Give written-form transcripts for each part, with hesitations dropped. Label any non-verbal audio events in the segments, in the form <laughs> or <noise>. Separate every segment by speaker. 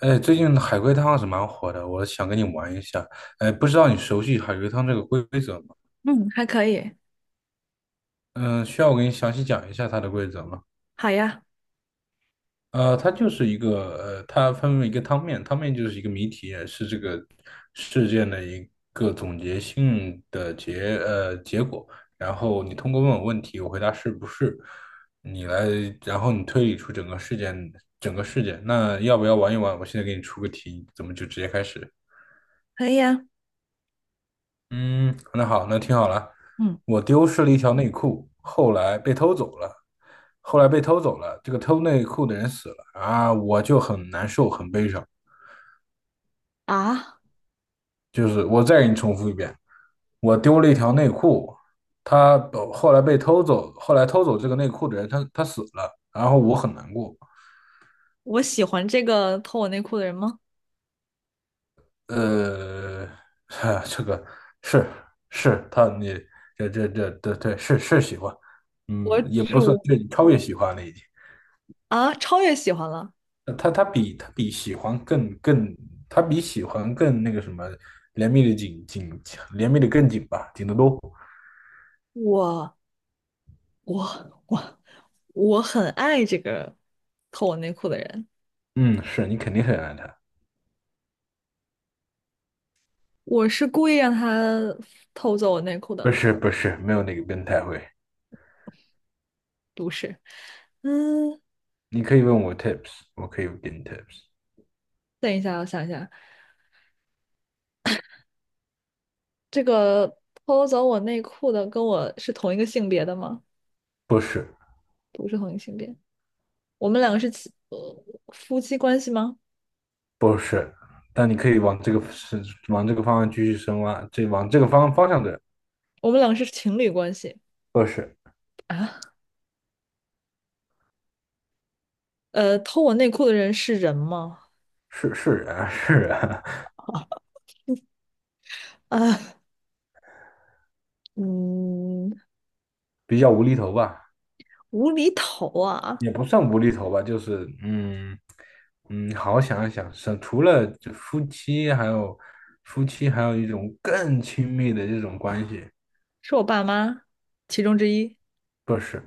Speaker 1: 哎，最近海龟汤是蛮火的，我想跟你玩一下。哎，不知道你熟悉海龟汤这个规则吗？
Speaker 2: 嗯，还可以，
Speaker 1: 嗯、需要我给你详细讲一下它的规则吗？
Speaker 2: 好呀，
Speaker 1: 它就是一个它分为一个汤面，汤面就是一个谜题，是这个事件的一个总结性的结果。然后你通过问我问题，我回答是不是，你来，然后你推理出整个事件整个事件。那要不要玩一玩？我现在给你出个题，怎么就直接开始。
Speaker 2: 可以呀。
Speaker 1: 嗯，那好，那听好了，
Speaker 2: 嗯
Speaker 1: 我丢失了一条内裤，后来被偷走了，后来被偷走了，这个偷内裤的人死了啊，我就很难受，很悲伤。
Speaker 2: 啊，
Speaker 1: 就是我再给你重复一遍，我丢了一条内裤，他后来被偷走，后来偷走这个内裤的人，他死了，然后我很难过。
Speaker 2: 我喜欢这个偷我内裤的人吗？
Speaker 1: 呃，<laughs> 这个是是他你这对是喜欢，
Speaker 2: 我
Speaker 1: 嗯，也不算
Speaker 2: 主，
Speaker 1: 对，超越喜欢了已经。
Speaker 2: 啊，超越喜欢了。
Speaker 1: 他比喜欢更，他比喜欢更那个什么，怜悯的紧，怜悯的更紧吧，紧得多。
Speaker 2: 我我我我很爱这个偷我内裤的人，
Speaker 1: 嗯，是你肯定很爱他，
Speaker 2: 我是故意让他偷走我内裤的，
Speaker 1: 不是，没有那个变态会。
Speaker 2: 不是。嗯，
Speaker 1: 你可以问我 tips,我可以给你 tips,
Speaker 2: 等一下，我想一下，这个偷走我内裤的跟我是同一个性别的吗？
Speaker 1: 不是
Speaker 2: 不是同一个性别，我们两个是亲呃，夫妻关系吗？
Speaker 1: 不是，但你可以往这个往这个方向继续深挖，这往这个方向的，
Speaker 2: 我们两个是情侣关系。
Speaker 1: 不是
Speaker 2: 啊，偷我内裤的人是人吗？
Speaker 1: 是是人啊，
Speaker 2: <laughs> 啊，嗯，
Speaker 1: 比较无厘头吧。
Speaker 2: 无厘头啊，
Speaker 1: 也不算无厘头吧，就是，好好想一想，是除了这夫妻，还有夫妻，还有一种更亲密的这种关系，
Speaker 2: 是我爸妈其中之一，
Speaker 1: 不是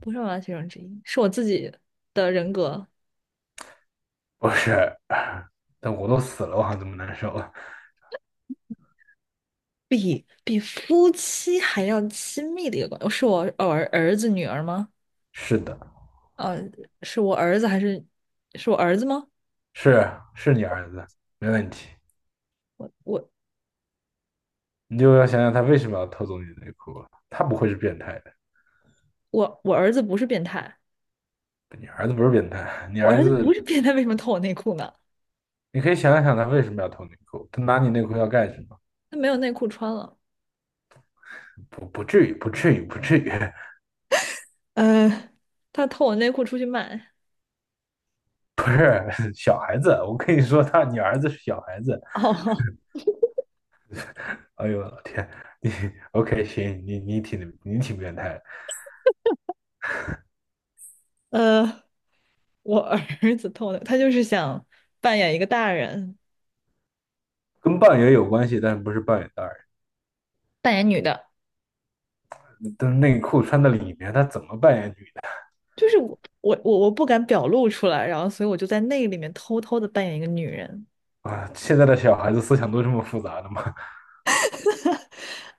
Speaker 2: 不是我爸妈其中之一，是我自己的人格，
Speaker 1: 不是，<laughs> 但我都死了，我还怎么难受啊？
Speaker 2: 比夫妻还要亲密的一个关系，哦是我儿儿子女儿吗？
Speaker 1: 是的，
Speaker 2: 呃，是我儿子还是是我儿子吗？
Speaker 1: 是是你儿子，没问题，
Speaker 2: 我我
Speaker 1: 你就要想想他为什么要偷走你的内裤啊他不会是变态的，
Speaker 2: 我儿子不是变态，
Speaker 1: 你儿子不是变态，你
Speaker 2: 我
Speaker 1: 儿
Speaker 2: 儿子
Speaker 1: 子，
Speaker 2: 不是变态，为什么偷我内裤呢？
Speaker 1: 你可以想一想他为什么要偷内裤，他拿你内裤要干什么？
Speaker 2: 他没有内裤穿了，
Speaker 1: 不至于，不至于，不至于。<laughs>
Speaker 2: 呃，他偷我内裤出去卖。
Speaker 1: <laughs> 不是小孩子，我跟你说他，你儿子是小孩子。
Speaker 2: 哦，
Speaker 1: 哎呦我天，OK,行，你挺变态的，
Speaker 2: 呃，我儿子偷的，他就是想扮演一个大人，
Speaker 1: 跟扮演有关系，但是不是扮演大人。
Speaker 2: 扮演女的。
Speaker 1: 但是内裤穿在里面，他怎么扮演女
Speaker 2: 就是我不敢表露出来，然后所以我就在那个里面偷偷的扮演一个女人。
Speaker 1: 啊？现在的小孩子思想都这么复杂的吗？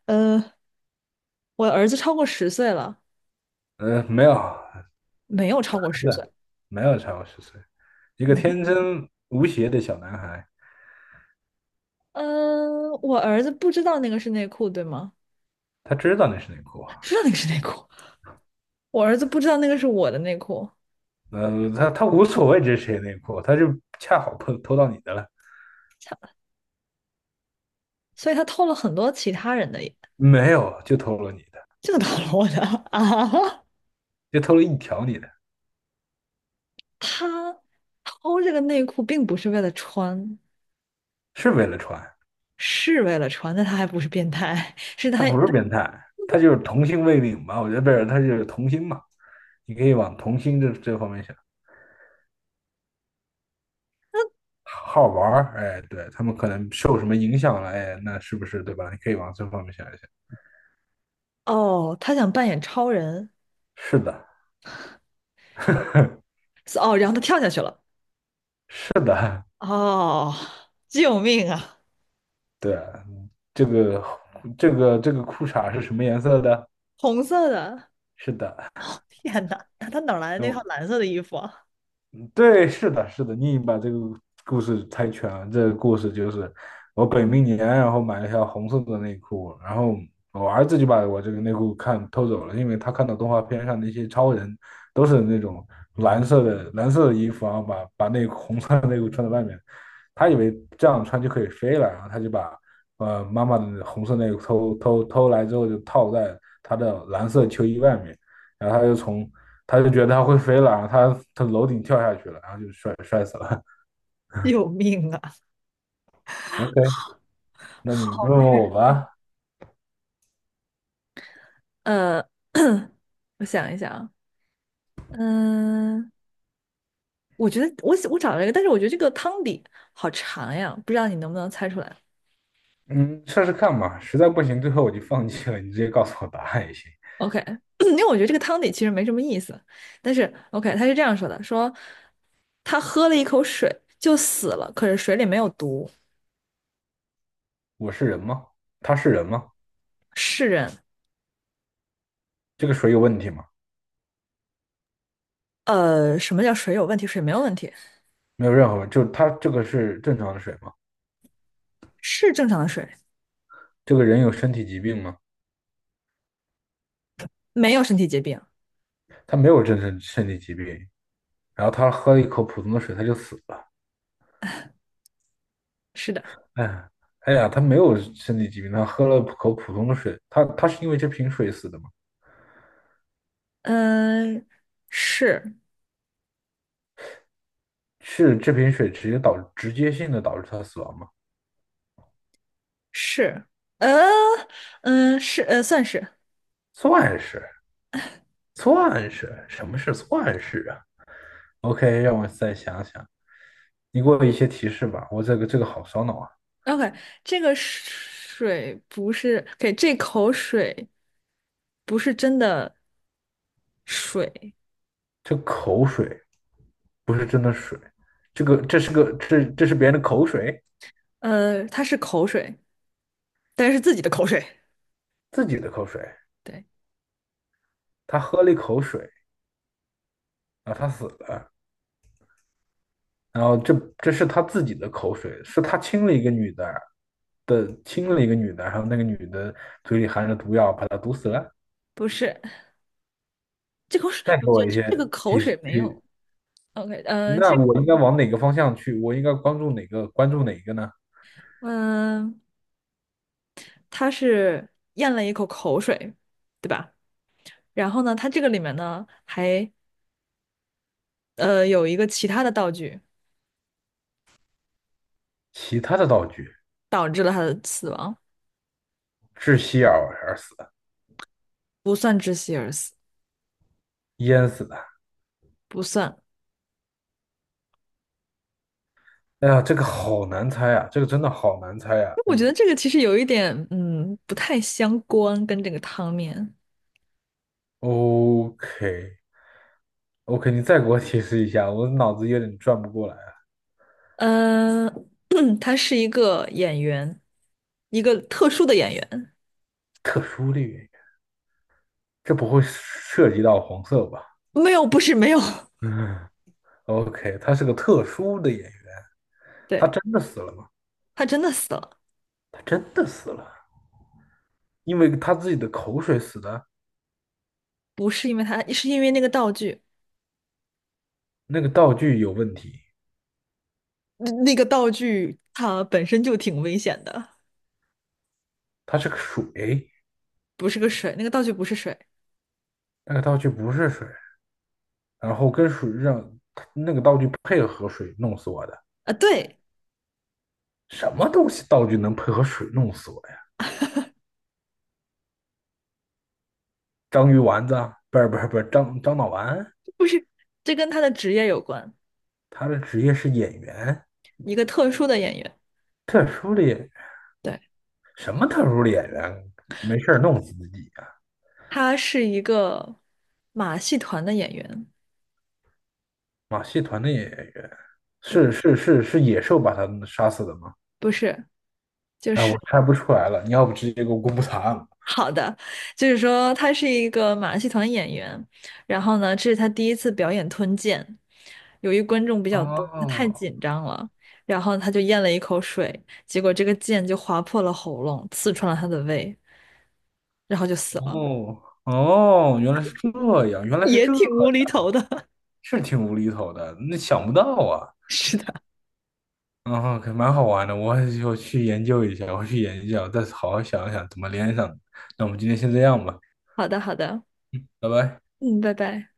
Speaker 2: 呃，我儿子超过十岁了，
Speaker 1: <laughs> 没有，
Speaker 2: 没有超过
Speaker 1: 真
Speaker 2: 十岁。
Speaker 1: 的没有超过十岁，一个
Speaker 2: 没
Speaker 1: 天真无邪的小男孩，
Speaker 2: 嗯、我儿子不知道那个是内裤，对吗？
Speaker 1: 他知道那是内裤，啊。
Speaker 2: 知道那个是内裤，我儿子不知道那个是我的内裤，
Speaker 1: 他无所谓这是谁内裤，他就恰好偷到你的了，
Speaker 2: 他所以他偷了很多其他人的，
Speaker 1: 没有就偷了你的，
Speaker 2: 这个偷了我的 <laughs> 啊。
Speaker 1: 就偷了一条你的，
Speaker 2: 他偷这个内裤并不是为了穿，
Speaker 1: 是为了穿。
Speaker 2: 是为了穿，的，他还不是变态，
Speaker 1: 他不是变态，他就是童心未泯吧？我觉得不是，他就是童心嘛，你可以往童心这方面想，好玩儿，哎，对，他们可能受什么影响了，哎，那是不是对吧？你可以往这方面想一想。
Speaker 2: 他想扮演超人，
Speaker 1: 是的，<laughs>
Speaker 2: 哦，然后他跳下去了，
Speaker 1: 是的，
Speaker 2: 哦，救命啊！
Speaker 1: 对啊，这个这个裤衩是什么颜色的？
Speaker 2: 红色的，
Speaker 1: 是的，
Speaker 2: 天哪，那他哪来的那套
Speaker 1: 嗯，
Speaker 2: 蓝色的衣服啊？
Speaker 1: 对，是的，是的，你把这个故事猜全了。这个故事就是我本命年，然后买了一条红色的内裤，然后我儿子就把我这个内裤偷走了，因为他看到动画片上那些超人都是那种蓝色的衣服，然后把那红色的内裤穿在外面，他以为这样穿就可以飞了，然后他就把妈妈的红色内裤偷来之后就套在他的蓝色秋衣外面。然后他就觉得他会飞了，然后他从楼顶跳下去了，然后就摔死了。
Speaker 2: <laughs> 救命啊！
Speaker 1: <laughs> OK,那你问问我吧，
Speaker 2: <laughs> 呃，<coughs> <clears throat> 我想一想啊，嗯，我觉得我找了一个，但是我觉得这个汤底好长呀，不知道你能不能猜出来
Speaker 1: 嗯，试试看嘛，实在不行，最后我就放弃了，你直接告诉我答案也行。
Speaker 2: ？OK,<clears throat> 因为我觉得这个汤底其实没什么意思，但是 OK,他是这样说的，说。他喝了一口水就死了，可是水里没有毒，
Speaker 1: 我是人吗？他是人吗？
Speaker 2: 是人。
Speaker 1: 这个水有问题吗？
Speaker 2: 什么叫水有问题？水没有问题，
Speaker 1: 没有任何问题，就他这个是正常的水吗？
Speaker 2: 是正常的水，
Speaker 1: 这个人有身体疾病吗？
Speaker 2: 没有身体疾病。
Speaker 1: 他没有真正身体疾病，然后他喝了一口普通的水，他就死了。
Speaker 2: 是的，
Speaker 1: 哎，哎呀，他没有身体疾病，他喝了口普通的水，他是因为这瓶水死的吗？
Speaker 2: 嗯，呃是
Speaker 1: 是这瓶水直接性的导致他死亡吗？
Speaker 2: 是，呃，是算是
Speaker 1: 算是，算是，什么是算是啊？OK,让我再想想，你给我一些提示吧。我这个好烧脑啊，
Speaker 2: OK。这个水不是给这口水，不是真的水，
Speaker 1: 这口水不是真的水，这是别人的口水，
Speaker 2: 它是口水，但是自己的口水，
Speaker 1: 自己的口水，
Speaker 2: 对，
Speaker 1: 他喝了一口水，然后他死了，然后这是他自己的口水，是他亲了一个女的亲了一个女的，然后那个女的嘴里含着毒药把他毒死了。
Speaker 2: 不是这口水，
Speaker 1: 再
Speaker 2: 我
Speaker 1: 给我
Speaker 2: 觉
Speaker 1: 一
Speaker 2: 得
Speaker 1: 些
Speaker 2: 这个口
Speaker 1: 提示
Speaker 2: 水没
Speaker 1: 提，
Speaker 2: 有。OK,
Speaker 1: 那我应该往哪个方向去？我应该关注哪个？关注哪个呢？
Speaker 2: 嗯，他是咽了一口口水，对吧？然后呢，他这个里面呢还有一个其他的道具
Speaker 1: 其他的道具，
Speaker 2: 导致了他的死亡，
Speaker 1: 窒息而死的，
Speaker 2: 不算窒息而死，
Speaker 1: 淹死的。
Speaker 2: 不算。
Speaker 1: 哎呀，这个好难猜啊，这个真的好难猜啊。
Speaker 2: 我觉得
Speaker 1: 嗯
Speaker 2: 这个其实有一点不太相关，跟这个汤面。
Speaker 1: ，OK OK，你再给我提示一下，我脑子有点转不过来了。
Speaker 2: 嗯，<clears throat> 他是一个演员，一个特殊的演员，
Speaker 1: 特殊的原因，这不会涉及到黄色吧？
Speaker 2: 没有，不是没有，
Speaker 1: 嗯，OK,他是个特殊的演员，
Speaker 2: <laughs>
Speaker 1: 他
Speaker 2: 对，
Speaker 1: 真的死了吗？
Speaker 2: 他真的死了，
Speaker 1: 他真的死了，因为他自己的口水死的。
Speaker 2: 不是因为他，是因为那个道具。
Speaker 1: 那个道具有问题，
Speaker 2: 那个道具它本身就挺危险的，
Speaker 1: 它是个水，
Speaker 2: 不是个水，那个道具不是水
Speaker 1: 那个道具不是水，然后跟水让那个道具配合水弄死我的。
Speaker 2: 啊，对，
Speaker 1: 什么东西道具能配合水弄死我呀？章鱼丸子，不是张脑丸，
Speaker 2: 不是，这跟他的职业有关，
Speaker 1: 他的职业是演员，
Speaker 2: 一个特殊的演员，对，
Speaker 1: 什么特殊的演员？没事儿弄死自己呀、
Speaker 2: 他是一个马戏团的演员，
Speaker 1: 马戏团的演员
Speaker 2: 对，
Speaker 1: 是野兽把他杀死的吗？
Speaker 2: 不是，就
Speaker 1: 啊，我
Speaker 2: 是
Speaker 1: 猜不出来了，你要不直接给我公布答案吧？
Speaker 2: 好的，就是说他是一个马戏团演员，然后呢，这是他第一次表演吞剑，由于观众比较多，他太
Speaker 1: 哦，
Speaker 2: 紧张了，然后他就咽了一口水，结果这个剑就划破了喉咙，刺穿了他的胃，然后就死了，
Speaker 1: 哦，原来是这样，原来是
Speaker 2: 也
Speaker 1: 这样，
Speaker 2: 挺无厘头的。
Speaker 1: 是挺无厘头的，那想不到啊。
Speaker 2: <laughs> 是的，
Speaker 1: 然后可蛮好玩的，我去研究一下，我去研究，一下，再好好想一想怎么连上的那我们今天先这样吧，
Speaker 2: 好的，好的，
Speaker 1: 拜拜。
Speaker 2: 嗯，拜拜。